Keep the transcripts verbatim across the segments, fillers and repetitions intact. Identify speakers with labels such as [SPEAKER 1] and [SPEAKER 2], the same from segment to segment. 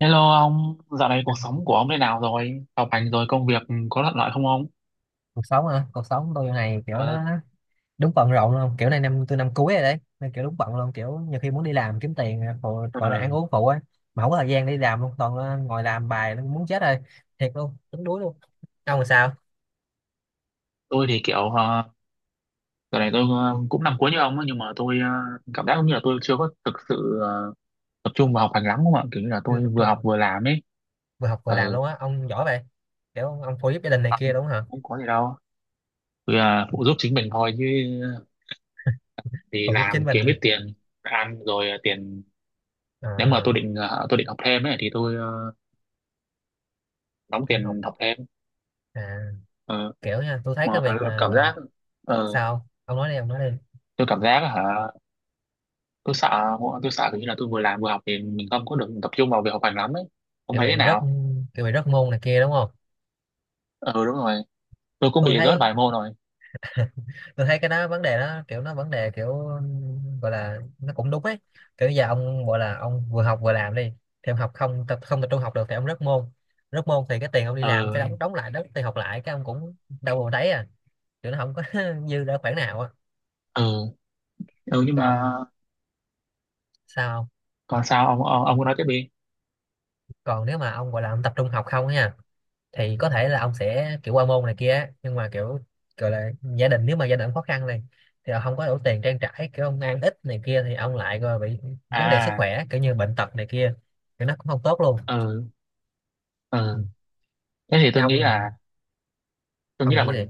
[SPEAKER 1] Hello ông, dạo này cuộc sống của ông thế nào rồi? Học hành rồi công việc có thuận lợi không ông?
[SPEAKER 2] Cuộc sống hả? Cuộc sống tôi này kiểu nó
[SPEAKER 1] Ờ,
[SPEAKER 2] đúng bận rộn luôn, kiểu này năm tôi năm cuối rồi đấy, nên kiểu đúng bận luôn, kiểu nhiều khi muốn đi làm kiếm tiền phụ, gọi là ăn
[SPEAKER 1] ờ,
[SPEAKER 2] uống phụ á, mà không có thời gian đi làm luôn, toàn là ngồi làm bài nó muốn chết rồi, thiệt luôn, tính đuối luôn. Ông làm sao?
[SPEAKER 1] tôi thì kiểu ờ, dạo này tôi ờ, cũng năm cuối như ông ấy, nhưng mà tôi ờ, cảm giác như là tôi chưa có thực sự ờ, tập trung vào học hành lắm không ạ? Kiểu như là
[SPEAKER 2] Chưa
[SPEAKER 1] tôi
[SPEAKER 2] tập
[SPEAKER 1] vừa học
[SPEAKER 2] trung?
[SPEAKER 1] vừa làm ấy.
[SPEAKER 2] Vừa học vừa làm
[SPEAKER 1] Ờ,
[SPEAKER 2] luôn á, ông giỏi vậy. Kiểu ông phụ giúp gia đình này kia
[SPEAKER 1] ông
[SPEAKER 2] đúng không hả?
[SPEAKER 1] cũng có gì đâu. Tôi ờ, phụ giúp chính mình thôi chứ thì
[SPEAKER 2] Phụ giúp
[SPEAKER 1] làm
[SPEAKER 2] chính mình
[SPEAKER 1] kiếm
[SPEAKER 2] nữa.
[SPEAKER 1] ít tiền ăn rồi ờ, tiền nếu mà
[SPEAKER 2] À,
[SPEAKER 1] tôi định ờ, tôi định học thêm ấy thì tôi ờ, đóng
[SPEAKER 2] kiểu học.
[SPEAKER 1] tiền học thêm.
[SPEAKER 2] À,
[SPEAKER 1] Ờ,
[SPEAKER 2] kiểu nha, tôi thấy cái
[SPEAKER 1] mà
[SPEAKER 2] việc mà
[SPEAKER 1] cảm giác
[SPEAKER 2] ờ,
[SPEAKER 1] ờ,
[SPEAKER 2] sao ông nói đi, ông nói đi.
[SPEAKER 1] tôi cảm giác hả, tôi sợ tôi sợ kiểu như là tôi vừa làm vừa học thì mình không có được tập trung vào việc học hành lắm ấy, không
[SPEAKER 2] Kiểu
[SPEAKER 1] thấy
[SPEAKER 2] bị
[SPEAKER 1] thế
[SPEAKER 2] rớt,
[SPEAKER 1] nào?
[SPEAKER 2] kiểu bị rớt môn này kia đúng không?
[SPEAKER 1] Ừ, đúng rồi, tôi cũng
[SPEAKER 2] Tôi
[SPEAKER 1] bị rớt
[SPEAKER 2] thấy
[SPEAKER 1] vài môn rồi.
[SPEAKER 2] tôi thấy cái đó vấn đề, đó kiểu nó vấn đề, kiểu gọi là nó cũng đúng ấy. Kiểu giờ ông gọi là ông vừa học vừa làm đi, thì ông học không, tập không tập trung học được, thì ông rớt môn. Rớt môn thì cái tiền ông đi làm phải
[SPEAKER 1] Ừ,
[SPEAKER 2] đóng đóng lại đó, tiền học lại, cái ông cũng đâu mà thấy à, kiểu nó không có dư ra khoản nào á.
[SPEAKER 1] ừ, ừ, nhưng
[SPEAKER 2] Còn
[SPEAKER 1] mà
[SPEAKER 2] ông sao không?
[SPEAKER 1] còn sao ông, ông, ông cứ nói tiếp đi.
[SPEAKER 2] Còn nếu mà ông gọi là ông tập trung học không á nha, thì có thể là ông sẽ kiểu qua môn này kia á, nhưng mà kiểu gọi là gia đình, nếu mà gia đình khó khăn này, thì ông không có đủ tiền trang trải, kiểu ông ăn ít này kia thì ông lại rồi bị vấn đề sức
[SPEAKER 1] À,
[SPEAKER 2] khỏe, kiểu như bệnh tật này kia, thì nó cũng không tốt luôn.
[SPEAKER 1] ừ,
[SPEAKER 2] Ừ.
[SPEAKER 1] ừ, thế thì
[SPEAKER 2] Thế
[SPEAKER 1] tôi
[SPEAKER 2] ông
[SPEAKER 1] nghĩ
[SPEAKER 2] thì
[SPEAKER 1] là tôi
[SPEAKER 2] ông
[SPEAKER 1] nghĩ là
[SPEAKER 2] nghĩ gì?
[SPEAKER 1] mình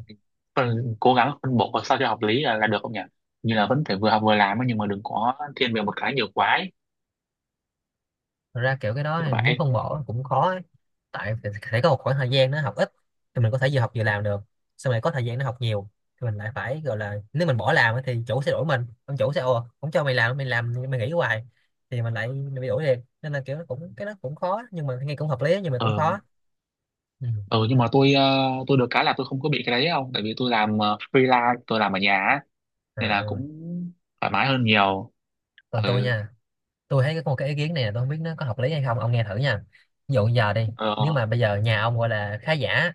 [SPEAKER 1] phân, cố gắng phân bổ sao cho hợp lý là, là được không nhỉ, như là vẫn phải vừa học vừa làm ấy, nhưng mà đừng có thiên về một cái nhiều quá ấy.
[SPEAKER 2] Thật ra kiểu cái đó
[SPEAKER 1] Kiểu
[SPEAKER 2] thì muốn
[SPEAKER 1] vậy.
[SPEAKER 2] phân bổ cũng khó ấy. Tại phải phải có một khoảng thời gian nó học ít thì mình có thể vừa học vừa làm được, xong rồi có thời gian nó học nhiều thì mình lại phải, gọi là nếu mình bỏ làm ấy thì chủ sẽ đuổi mình, ông chủ sẽ ồ không cho mày làm, mày làm mày nghỉ hoài thì mình lại bị đuổi liền. Nên là kiểu nó cũng, cái nó cũng khó, nhưng mà nghe cũng hợp lý, nhưng mà cũng
[SPEAKER 1] Ừ,
[SPEAKER 2] khó. Ừ.
[SPEAKER 1] ừ, nhưng mà tôi ờ, tôi được cái là tôi không có bị cái đấy không, tại vì tôi làm ờ, freelance, tôi làm ở nhà á,
[SPEAKER 2] À,
[SPEAKER 1] nên là
[SPEAKER 2] ừ.
[SPEAKER 1] cũng thoải mái hơn nhiều.
[SPEAKER 2] Còn tôi
[SPEAKER 1] Ừ,
[SPEAKER 2] nha, tôi thấy có một cái ý kiến này, là tôi không biết nó có hợp lý hay không, ông nghe thử nha. Ví dụ giờ đi, nếu
[SPEAKER 1] ờ,
[SPEAKER 2] mà bây giờ nhà ông gọi là khá giả,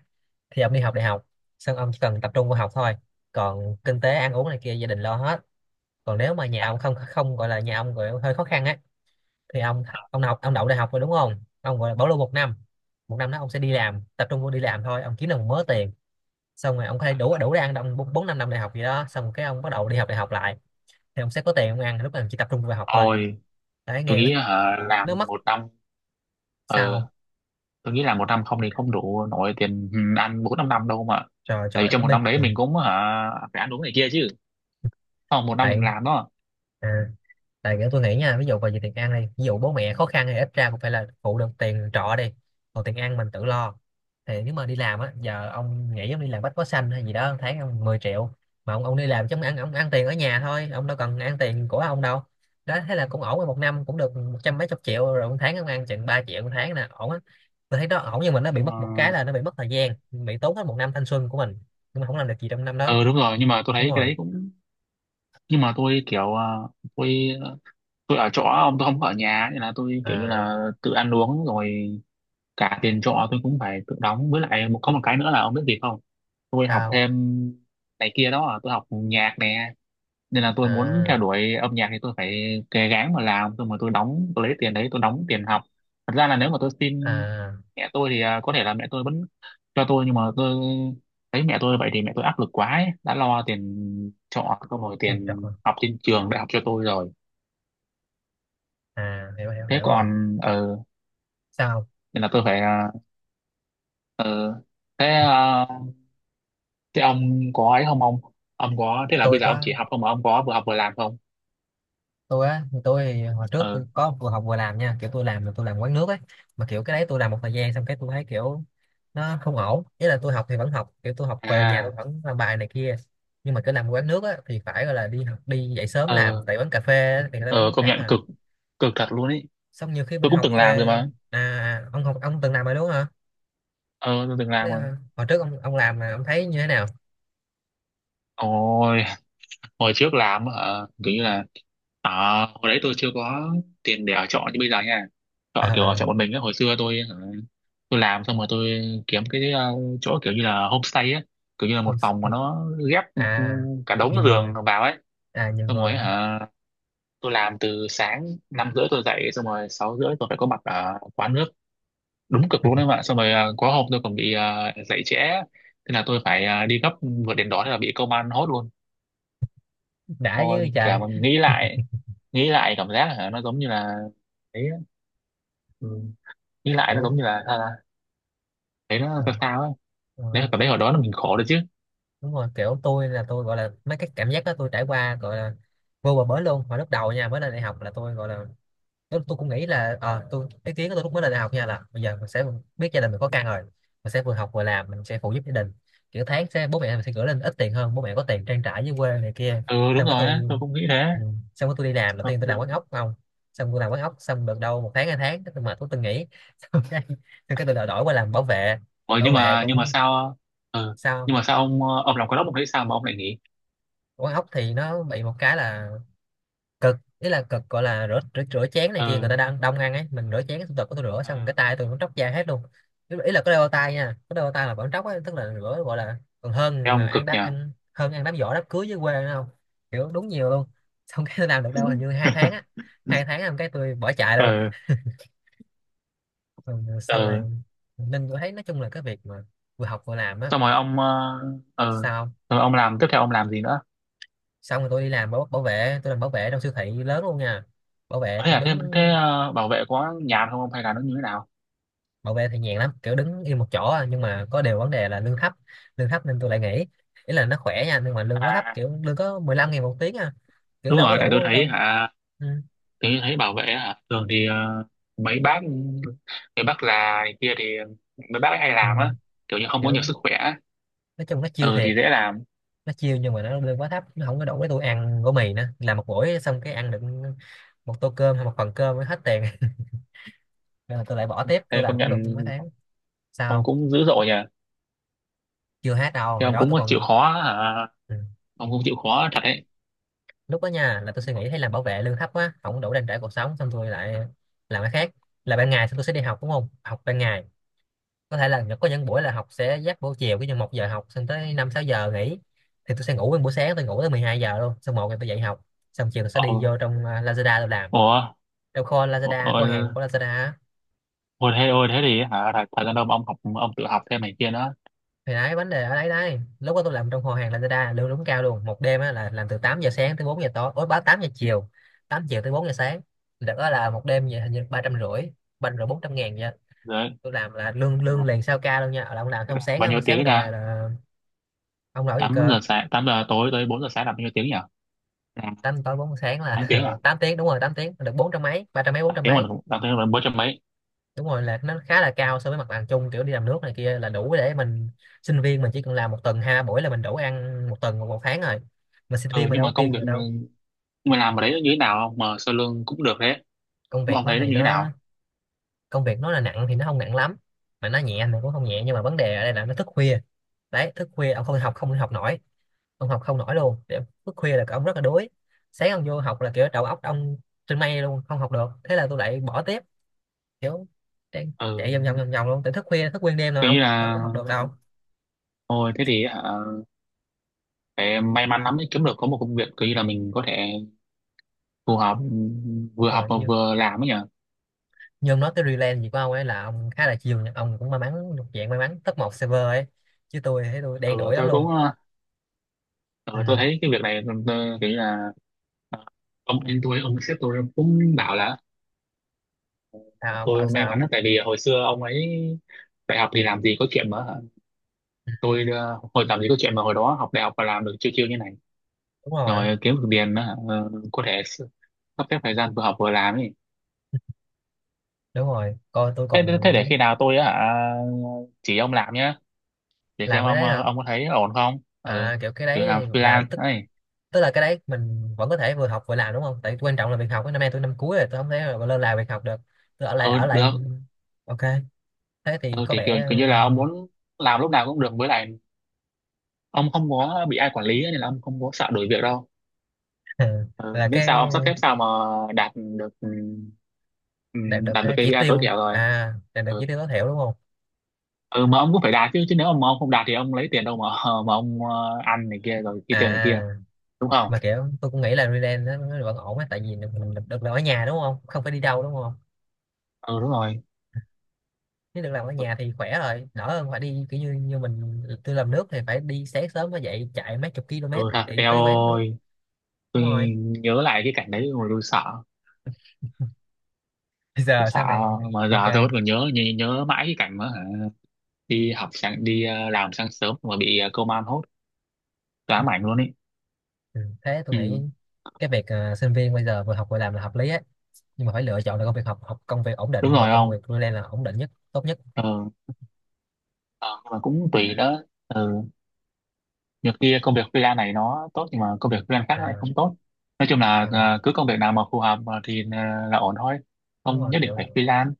[SPEAKER 2] thì ông đi học đại học, xong ông chỉ cần tập trung vào học thôi, còn kinh tế ăn uống này kia gia đình lo hết. Còn nếu mà nhà ông không không gọi là, nhà ông gọi là hơi khó khăn á, thì ông ông học ông đậu đại học rồi đúng không, ông gọi là bảo lưu một năm. Một năm đó ông sẽ đi làm, tập trung vô đi làm thôi, ông kiếm được một mớ tiền, xong rồi ông có thể đủ, đủ để ăn năm, bốn bốn năm năm đại học gì đó, xong cái ông bắt đầu đi học đại học lại, thì ông sẽ có tiền ông ăn. Lúc này ông chỉ tập trung vào học thôi,
[SPEAKER 1] thôi
[SPEAKER 2] đấy
[SPEAKER 1] tôi
[SPEAKER 2] nghe nó
[SPEAKER 1] nghĩ hả,
[SPEAKER 2] nó
[SPEAKER 1] làm
[SPEAKER 2] mất.
[SPEAKER 1] một năm. ờ,
[SPEAKER 2] Sao?
[SPEAKER 1] tôi nghĩ là một năm không thì không đủ nổi tiền ăn bốn năm năm đâu mà,
[SPEAKER 2] Trời
[SPEAKER 1] tại vì
[SPEAKER 2] trời, ở
[SPEAKER 1] trong một
[SPEAKER 2] bên
[SPEAKER 1] năm đấy
[SPEAKER 2] thì
[SPEAKER 1] mình cũng hả, phải ăn uống này kia chứ, không một năm mình
[SPEAKER 2] tại,
[SPEAKER 1] làm đó.
[SPEAKER 2] à, tại kiểu tôi nghĩ nha, ví dụ vào về tiền ăn đi, ví dụ bố mẹ khó khăn thì ít ra cũng phải là phụ được tiền trọ đi, còn tiền ăn mình tự lo. Thì nếu mà đi làm á, giờ ông nghĩ ông đi làm bách hóa xanh hay gì đó, một tháng ông mười triệu, mà ông ông đi làm chống ăn, ông ăn tiền ở nhà thôi, ông đâu cần ăn tiền của ông đâu. Đó, thế là cũng ổn rồi, một năm cũng được một trăm mấy chục triệu rồi, một tháng ông ăn chừng ba triệu một tháng nè, ổn á. Tôi thấy đó ổn, nhưng mà nó bị mất một cái
[SPEAKER 1] Ờ,
[SPEAKER 2] là nó bị mất thời gian, bị tốn hết một năm thanh xuân của mình, nhưng mà không làm được gì trong năm đó.
[SPEAKER 1] ờ, đúng rồi nhưng mà tôi
[SPEAKER 2] Đúng
[SPEAKER 1] thấy cái
[SPEAKER 2] rồi.
[SPEAKER 1] đấy cũng, nhưng mà tôi kiểu ờ, tôi tôi ở chỗ ông, tôi không có ở nhà nên là tôi kiểu như
[SPEAKER 2] À,
[SPEAKER 1] là tự ăn uống rồi, cả tiền trọ tôi cũng phải tự đóng, với lại một có một cái nữa là ông biết gì không, tôi học
[SPEAKER 2] sao?
[SPEAKER 1] thêm này kia đó à, tôi học nhạc nè, nên là tôi muốn
[SPEAKER 2] à
[SPEAKER 1] theo đuổi âm nhạc thì tôi phải cố gắng mà làm, tôi mà tôi đóng, tôi lấy tiền đấy tôi đóng tiền học. Thật ra là nếu mà tôi xin
[SPEAKER 2] à
[SPEAKER 1] mẹ tôi thì à, có thể là mẹ tôi vẫn cho tôi, nhưng mà tôi thấy mẹ tôi vậy thì mẹ tôi áp lực quá ấy. Đã lo tiền trọ có rồi,
[SPEAKER 2] mình
[SPEAKER 1] tiền
[SPEAKER 2] chọn.
[SPEAKER 1] học trên trường đại học cho tôi rồi.
[SPEAKER 2] À, hiểu hiểu
[SPEAKER 1] Thế
[SPEAKER 2] hiểu rồi.
[SPEAKER 1] còn ờ
[SPEAKER 2] Sao?
[SPEAKER 1] nên là tôi phải ờ, ờ, thế à, thế ông có ấy không ông, ông có, thế là bây
[SPEAKER 2] Tôi
[SPEAKER 1] giờ ông
[SPEAKER 2] có.
[SPEAKER 1] chỉ học không mà ông có vừa học vừa làm không?
[SPEAKER 2] Tôi á, tôi thì hồi trước
[SPEAKER 1] Ờ.
[SPEAKER 2] tôi có vừa học vừa làm nha, kiểu tôi làm là tôi làm quán nước ấy. Mà kiểu cái đấy tôi làm một thời gian xong cái tôi thấy kiểu nó không ổn. Ý là tôi học thì vẫn học, kiểu tôi học về nhà tôi
[SPEAKER 1] À.
[SPEAKER 2] vẫn làm bài này kia, nhưng mà cứ làm quán nước á thì phải gọi là đi học, đi dậy sớm làm
[SPEAKER 1] Ờ,
[SPEAKER 2] tại quán cà phê á, thì người ta bán
[SPEAKER 1] ờ,
[SPEAKER 2] buổi
[SPEAKER 1] công
[SPEAKER 2] sáng
[SPEAKER 1] nhận
[SPEAKER 2] mà.
[SPEAKER 1] cực, cực thật luôn ấy,
[SPEAKER 2] Xong nhiều khi mình
[SPEAKER 1] tôi cũng
[SPEAKER 2] học
[SPEAKER 1] từng làm rồi
[SPEAKER 2] về.
[SPEAKER 1] mà.
[SPEAKER 2] À à, ông học, ông từng làm rồi đúng không hả?
[SPEAKER 1] ờ tôi từng
[SPEAKER 2] Thế,
[SPEAKER 1] làm rồi.
[SPEAKER 2] à, hồi trước ông ông làm là ông thấy như thế nào?
[SPEAKER 1] Ôi, hồi trước làm ờ, kiểu như là à, hồi đấy tôi chưa có tiền để ở trọ như bây giờ nha,
[SPEAKER 2] Ờ,
[SPEAKER 1] trọ kiểu ở
[SPEAKER 2] ờ,
[SPEAKER 1] trọ một mình á, hồi xưa tôi ờ, tôi làm xong rồi tôi kiếm cái ờ, chỗ kiểu như là homestay á, kiểu như là một
[SPEAKER 2] không.
[SPEAKER 1] phòng mà nó ghép ừ,
[SPEAKER 2] À,
[SPEAKER 1] cả đống
[SPEAKER 2] nhiều
[SPEAKER 1] giường
[SPEAKER 2] người.
[SPEAKER 1] vào ấy.
[SPEAKER 2] À nhiều
[SPEAKER 1] Xong rồi
[SPEAKER 2] người hả?
[SPEAKER 1] hả, tôi làm từ sáng năm rưỡi tôi dậy, xong rồi sáu rưỡi tôi phải có mặt ở quán nước. Đúng cực luôn đấy bạn. Xong rồi à, có hôm tôi còn bị à, dậy trễ, thế là tôi phải à, đi gấp, vượt đến đó thế là bị công an hốt luôn.
[SPEAKER 2] Đã
[SPEAKER 1] Thôi
[SPEAKER 2] với
[SPEAKER 1] cả
[SPEAKER 2] trời.
[SPEAKER 1] mình nghĩ lại, nghĩ lại cảm giác là nó giống như là đấy á. Ừ. Nghĩ lại nó
[SPEAKER 2] Đúng.
[SPEAKER 1] giống như là sao ta? Thấy nó sao
[SPEAKER 2] Ờ,
[SPEAKER 1] sao ấy.
[SPEAKER 2] ờ,
[SPEAKER 1] Đấy, cảm thấy hồi đó là mình khổ rồi chứ.
[SPEAKER 2] đúng rồi, kiểu tôi là tôi gọi là mấy cái cảm giác đó tôi trải qua, gọi là vô bờ bến luôn. Hồi lúc đầu nha, mới lên đại học là tôi gọi là, nếu tôi cũng nghĩ là ờ, tôi, cái kiến của tôi lúc mới lên đại học nha, là bây giờ mình sẽ biết gia đình mình có căng rồi, mình sẽ vừa học vừa làm, mình sẽ phụ giúp gia đình, kiểu tháng sẽ, bố mẹ mình sẽ gửi lên ít tiền hơn, bố mẹ có tiền trang trải dưới quê này kia.
[SPEAKER 1] Ừ, đúng
[SPEAKER 2] Xong cái
[SPEAKER 1] rồi
[SPEAKER 2] tôi,
[SPEAKER 1] á, tôi cũng nghĩ thế.
[SPEAKER 2] ừ, xong cái tôi đi làm đầu
[SPEAKER 1] Ừ.
[SPEAKER 2] tiên, tôi làm quán
[SPEAKER 1] Ừ.
[SPEAKER 2] ốc không. Xong tôi làm quán ốc xong được đâu một tháng, hai tháng, cái tôi mệt, tôi tôi nghỉ xong cái, xong cái tôi đổi qua làm bảo vệ.
[SPEAKER 1] Ủa,
[SPEAKER 2] Bảo
[SPEAKER 1] nhưng
[SPEAKER 2] vệ
[SPEAKER 1] mà nhưng mà
[SPEAKER 2] cũng,
[SPEAKER 1] sao? Ờ, ừ,
[SPEAKER 2] sao?
[SPEAKER 1] nhưng mà sao ông ờ, ông làm cái đó ông thấy sao mà ông lại nghỉ?
[SPEAKER 2] Quán ốc thì nó bị một cái là cực. Ý là cực, gọi là rửa rửa, rửa chén này kia,
[SPEAKER 1] Ừ.
[SPEAKER 2] người ta đang đông ăn ấy, mình rửa chén, tôi tôi rửa xong cái
[SPEAKER 1] À.
[SPEAKER 2] tay tôi cũng tróc da hết luôn. Ý ý là có đeo bao tay nha, có đeo bao tay là vẫn tróc ấy, tức là rửa gọi là còn
[SPEAKER 1] Thấy
[SPEAKER 2] hơn mà
[SPEAKER 1] ông cực
[SPEAKER 2] ăn đá,
[SPEAKER 1] nhỉ.
[SPEAKER 2] ăn hơn ăn đám giỗ đám cưới dưới quê nữa không. Kiểu đúng nhiều luôn. Xong cái tôi làm được đâu hình như hai tháng á, hai tháng làm cái tôi bỏ chạy luôn.
[SPEAKER 1] Ừ.
[SPEAKER 2] Ừ, xong
[SPEAKER 1] Ờ,
[SPEAKER 2] rồi nên tôi thấy nói chung là cái việc mà vừa học vừa làm á.
[SPEAKER 1] xong rồi ông ờ ờ,
[SPEAKER 2] Sao không?
[SPEAKER 1] rồi ông làm tiếp theo, ông làm gì nữa?
[SPEAKER 2] Xong rồi tôi đi làm bảo, bảo vệ, tôi làm bảo vệ trong siêu thị lớn luôn nha. Bảo vệ
[SPEAKER 1] thế
[SPEAKER 2] cũng
[SPEAKER 1] là thế
[SPEAKER 2] đứng.
[SPEAKER 1] thế ờ, bảo vệ có nhàn không ông hay là nó như thế nào?
[SPEAKER 2] Bảo vệ thì nhàn lắm, kiểu đứng yên một chỗ à, nhưng mà có điều vấn đề là lương thấp. Lương thấp nên tôi lại nghỉ. Ý là nó khỏe nha, nhưng mà lương quá thấp,
[SPEAKER 1] À,
[SPEAKER 2] kiểu lương có mười lăm ngàn một tiếng à, kiểu
[SPEAKER 1] đúng
[SPEAKER 2] đâu có
[SPEAKER 1] rồi, tại tôi
[SPEAKER 2] đủ
[SPEAKER 1] thấy
[SPEAKER 2] đâu.
[SPEAKER 1] hả
[SPEAKER 2] Ừ.
[SPEAKER 1] tôi thấy bảo vệ hả, thường thì ờ, mấy bác mấy bác già này kia thì mấy bác ấy hay
[SPEAKER 2] Ừ.
[SPEAKER 1] làm á, kiểu như không có nhiều
[SPEAKER 2] Kiểu
[SPEAKER 1] sức khỏe á.
[SPEAKER 2] nói chung nó chiêu
[SPEAKER 1] Ừ thì
[SPEAKER 2] thiệt.
[SPEAKER 1] dễ làm.
[SPEAKER 2] Nó chiêu, nhưng mà nó lương quá thấp, nó không có đủ để tôi ăn gói mì nữa, làm một buổi xong cái ăn được một tô cơm hay một phần cơm mới hết tiền nên là tôi lại bỏ tiếp. Tôi
[SPEAKER 1] Thế
[SPEAKER 2] làm
[SPEAKER 1] công
[SPEAKER 2] cũng
[SPEAKER 1] nhận
[SPEAKER 2] được mấy tháng
[SPEAKER 1] ông
[SPEAKER 2] sau.
[SPEAKER 1] cũng dữ dội nhỉ,
[SPEAKER 2] Chưa hết đâu,
[SPEAKER 1] thế
[SPEAKER 2] hồi
[SPEAKER 1] ông
[SPEAKER 2] đó
[SPEAKER 1] cũng
[SPEAKER 2] tôi
[SPEAKER 1] chịu
[SPEAKER 2] còn.
[SPEAKER 1] khó hả,
[SPEAKER 2] Ừ.
[SPEAKER 1] ông cũng chịu khó thật đấy.
[SPEAKER 2] Lúc đó nha là tôi suy nghĩ thấy làm bảo vệ lương thấp quá, không đủ trang trải cuộc sống, xong tôi lại làm cái khác. Là ban ngày, xong tôi sẽ đi học đúng không, học ban ngày, có thể là có những buổi là học sẽ giáp buổi chiều, cái như một giờ học xong tới năm sáu giờ nghỉ, thì tôi sẽ ngủ nguyên buổi sáng, tôi ngủ tới mười hai giờ luôn, xong một giờ tôi dậy học, xong chiều tôi sẽ
[SPEAKER 1] Ờ.
[SPEAKER 2] đi vô trong à, Lazada tôi làm,
[SPEAKER 1] Ủa,
[SPEAKER 2] trong kho Lazada,
[SPEAKER 1] ủa,
[SPEAKER 2] kho hàng của Lazada á.
[SPEAKER 1] ủa, thế ôi thế thì hả, thật, thật ra đâu mà ông học, ông tự học thêm này kia nữa?
[SPEAKER 2] Thì đấy vấn đề ở đấy đấy, lúc đó tôi làm trong kho hàng Lazada lương đúng cao luôn, một đêm á, là làm từ tám giờ sáng tới bốn giờ tối, ối báo tám giờ chiều, tám giờ tới bốn giờ sáng, được đó, là một đêm vậy hình như ba trăm rưỡi, ba trăm rưỡi bốn trăm ngàn nha.
[SPEAKER 1] Rồi
[SPEAKER 2] Tôi làm là lương lương liền, sao ca luôn nha, là ông làm xong sáng
[SPEAKER 1] bao
[SPEAKER 2] á,
[SPEAKER 1] nhiêu
[SPEAKER 2] sáng
[SPEAKER 1] tiếng
[SPEAKER 2] này
[SPEAKER 1] ra,
[SPEAKER 2] về là. Ông làm gì
[SPEAKER 1] tám
[SPEAKER 2] cơ?
[SPEAKER 1] giờ sáng tám giờ tối tới bốn giờ sáng là bao nhiêu tiếng nhỉ, là
[SPEAKER 2] Tám tối bốn giờ sáng
[SPEAKER 1] tám
[SPEAKER 2] là
[SPEAKER 1] tiếng à?
[SPEAKER 2] tám tiếng đúng rồi, tám tiếng được bốn trăm mấy, ba trăm mấy, bốn
[SPEAKER 1] tám
[SPEAKER 2] trăm
[SPEAKER 1] tiếng mà.
[SPEAKER 2] mấy.
[SPEAKER 1] tám tiếng mà bốn trăm mấy?
[SPEAKER 2] Đúng rồi, là nó khá là cao so với mặt bằng chung, kiểu đi làm nước này kia, là đủ để mình, sinh viên mình chỉ cần làm một tuần hai ba buổi là mình đủ ăn một tuần, một một tháng rồi, mà sinh viên
[SPEAKER 1] Ừ,
[SPEAKER 2] mình
[SPEAKER 1] nhưng
[SPEAKER 2] đâu
[SPEAKER 1] mà
[SPEAKER 2] có tiêu
[SPEAKER 1] công việc
[SPEAKER 2] nhiều đâu.
[SPEAKER 1] mình làm ở đấy nó như thế nào không mà sơ lương cũng được đấy,
[SPEAKER 2] Công việc
[SPEAKER 1] ông
[SPEAKER 2] nó
[SPEAKER 1] thấy nó
[SPEAKER 2] thì
[SPEAKER 1] như thế
[SPEAKER 2] nó,
[SPEAKER 1] nào?
[SPEAKER 2] công việc nó là nặng thì nó không nặng lắm, mà nó nhẹ thì cũng không nhẹ, nhưng mà vấn đề ở đây là nó thức khuya. Đấy thức khuya ông không học, không học nổi, ông học không nổi luôn. Kiểu thức khuya là ông rất là đuối, sáng ông vô học là kiểu đầu óc ông trên mây luôn, không học được, thế là tôi lại bỏ tiếp. Kiểu chạy,
[SPEAKER 1] Ừ,
[SPEAKER 2] chạy vòng vòng vòng vòng luôn, tới thức khuya thức nguyên đêm rồi
[SPEAKER 1] kiểu
[SPEAKER 2] ông
[SPEAKER 1] như
[SPEAKER 2] đâu
[SPEAKER 1] là
[SPEAKER 2] có học được đâu.
[SPEAKER 1] thôi, thế thì à, phải may mắn lắm mới kiếm được có một công việc kiểu như là mình có thể phù hợp, ừ,
[SPEAKER 2] Đúng
[SPEAKER 1] vừa học
[SPEAKER 2] rồi,
[SPEAKER 1] mà
[SPEAKER 2] như
[SPEAKER 1] vừa làm ấy nhỉ.
[SPEAKER 2] như ông nói tới Relay gì của ông ấy, là ông khá là chiều nha. Ông cũng may mắn, thuộc dạng may mắn top một server ấy, chứ tôi thấy tôi đen
[SPEAKER 1] Ừ
[SPEAKER 2] đủi lắm
[SPEAKER 1] tôi cũng,
[SPEAKER 2] luôn.
[SPEAKER 1] ừ, tôi
[SPEAKER 2] Ừ.
[SPEAKER 1] thấy cái việc này ừ, tôi, kiểu như là ờ, ông anh tôi, ông sếp tôi cũng bảo là
[SPEAKER 2] Sao ông bảo
[SPEAKER 1] tôi may mắn
[SPEAKER 2] sao?
[SPEAKER 1] lắm, tại vì hồi xưa ông ấy đại học thì làm gì có chuyện mà hả, tôi ờ, hồi làm gì có chuyện mà hồi đó học đại học và làm được chiêu chiêu như này
[SPEAKER 2] Đúng rồi,
[SPEAKER 1] rồi kiếm được tiền nữa hả? Ờ, có thể s- sắp xếp thời gian vừa học vừa làm ấy.
[SPEAKER 2] đúng rồi, coi tôi
[SPEAKER 1] thế,
[SPEAKER 2] còn
[SPEAKER 1] thế để khi nào tôi hả, chỉ ông làm nhá, để
[SPEAKER 2] làm
[SPEAKER 1] xem
[SPEAKER 2] cái
[SPEAKER 1] ông
[SPEAKER 2] đấy
[SPEAKER 1] ờ,
[SPEAKER 2] hả.
[SPEAKER 1] ông có thấy ổn không.
[SPEAKER 2] À,
[SPEAKER 1] Ừ,
[SPEAKER 2] kiểu cái
[SPEAKER 1] kiểu làm
[SPEAKER 2] đấy là
[SPEAKER 1] freelance
[SPEAKER 2] tức,
[SPEAKER 1] ấy.
[SPEAKER 2] tức là cái đấy mình vẫn có thể vừa học vừa làm đúng không, tại quan trọng là việc học ấy. Năm nay tôi năm cuối rồi, tôi không thể mà lơ là việc học được. Tôi ở lại
[SPEAKER 1] Ừ
[SPEAKER 2] ở lại.
[SPEAKER 1] được.
[SPEAKER 2] Ok, thế thì
[SPEAKER 1] Ừ
[SPEAKER 2] có
[SPEAKER 1] thì kiểu,
[SPEAKER 2] vẻ.
[SPEAKER 1] kiểu như là ông muốn làm lúc nào cũng được, với lại ông không có bị ai quản lý ấy, nên là ông không có sợ đổi việc đâu.
[SPEAKER 2] ờ,
[SPEAKER 1] Ừ,
[SPEAKER 2] là
[SPEAKER 1] miễn
[SPEAKER 2] cái
[SPEAKER 1] sao ông sắp xếp sao mà đạt được, ừ,
[SPEAKER 2] đạt được
[SPEAKER 1] đạt được
[SPEAKER 2] cái chỉ
[SPEAKER 1] kây pi ai tối
[SPEAKER 2] tiêu,
[SPEAKER 1] thiểu rồi.
[SPEAKER 2] à đạt được
[SPEAKER 1] Ừ.
[SPEAKER 2] chỉ tiêu tối thiểu đúng không?
[SPEAKER 1] Ừ mà ông cũng phải đạt chứ, chứ nếu mà ông không đạt thì ông lấy tiền đâu mà ờ, mà ông ờ, ăn này kia rồi kia tiền này kia,
[SPEAKER 2] À,
[SPEAKER 1] đúng không?
[SPEAKER 2] mà kiểu tôi cũng nghĩ là freelance nó nó vẫn ổn á, tại vì mình được, được làm ở nhà đúng không, không phải đi đâu đúng không.
[SPEAKER 1] Ừ, đúng rồi.
[SPEAKER 2] Nếu được làm ở nhà thì khỏe rồi, đỡ hơn phải đi kiểu như, như mình tôi làm nước thì phải đi sáng sớm mới dậy, chạy mấy chục km
[SPEAKER 1] Ừ thật.
[SPEAKER 2] để
[SPEAKER 1] Eo
[SPEAKER 2] tới quán nước.
[SPEAKER 1] ơi, tôi
[SPEAKER 2] Đúng rồi.
[SPEAKER 1] nhớ lại cái cảnh đấy rồi tôi sợ
[SPEAKER 2] Bây
[SPEAKER 1] tôi
[SPEAKER 2] giờ
[SPEAKER 1] sợ
[SPEAKER 2] sau này.
[SPEAKER 1] mà
[SPEAKER 2] Ok.
[SPEAKER 1] giờ tôi vẫn còn nhớ, nhớ, nhớ mãi cái cảnh mà hả, đi học sáng, đi ờ, làm sáng sớm mà bị ờ, công an hốt, ám ảnh luôn ấy.
[SPEAKER 2] Ừ. Thế tôi
[SPEAKER 1] Ừ
[SPEAKER 2] nghĩ cái việc ờ, sinh viên bây giờ vừa học vừa làm là hợp lý ấy, nhưng mà phải lựa chọn được công việc học, học công việc ổn
[SPEAKER 1] đúng
[SPEAKER 2] định, và
[SPEAKER 1] rồi.
[SPEAKER 2] công
[SPEAKER 1] Không.
[SPEAKER 2] việc freelance là ổn định nhất, tốt nhất.
[SPEAKER 1] Ừ. Ờ, nhưng mà cũng tùy đó, ừ, nhiều kia công việc freelance này nó tốt nhưng mà công việc freelance khác lại
[SPEAKER 2] À,
[SPEAKER 1] không tốt, nói chung là
[SPEAKER 2] à
[SPEAKER 1] à, cứ công việc nào mà phù hợp mà thì à, là ổn thôi,
[SPEAKER 2] đúng
[SPEAKER 1] không
[SPEAKER 2] rồi,
[SPEAKER 1] nhất định
[SPEAKER 2] kiểu
[SPEAKER 1] phải freelance.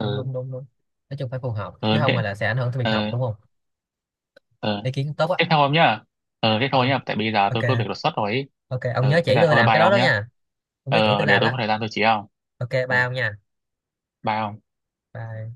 [SPEAKER 2] đúng đúng đúng đúng, nói chung phải phù hợp, chứ
[SPEAKER 1] Ờ
[SPEAKER 2] không mà
[SPEAKER 1] thế.
[SPEAKER 2] là sẽ ảnh hưởng tới việc học
[SPEAKER 1] Ờ.
[SPEAKER 2] đúng không.
[SPEAKER 1] Ờ
[SPEAKER 2] Ý kiến tốt á.
[SPEAKER 1] thế thôi ông nhá, ờ thế thôi
[SPEAKER 2] Thôi,
[SPEAKER 1] nhá, tại bây giờ
[SPEAKER 2] ok.
[SPEAKER 1] tôi có việc đột xuất rồi ý.
[SPEAKER 2] Ok ông nhớ
[SPEAKER 1] Ờ thế
[SPEAKER 2] chỉ
[SPEAKER 1] là
[SPEAKER 2] tôi
[SPEAKER 1] thôi,
[SPEAKER 2] làm cái
[SPEAKER 1] bye
[SPEAKER 2] đó
[SPEAKER 1] ông
[SPEAKER 2] đó
[SPEAKER 1] nhá.
[SPEAKER 2] nha. Ông nhớ chỉ
[SPEAKER 1] Ờ
[SPEAKER 2] tôi
[SPEAKER 1] để
[SPEAKER 2] làm
[SPEAKER 1] tôi
[SPEAKER 2] đó.
[SPEAKER 1] có thời gian tôi chỉ ông.
[SPEAKER 2] Ok ba
[SPEAKER 1] Ờ,
[SPEAKER 2] ông nha.
[SPEAKER 1] bye ông.
[SPEAKER 2] Bye.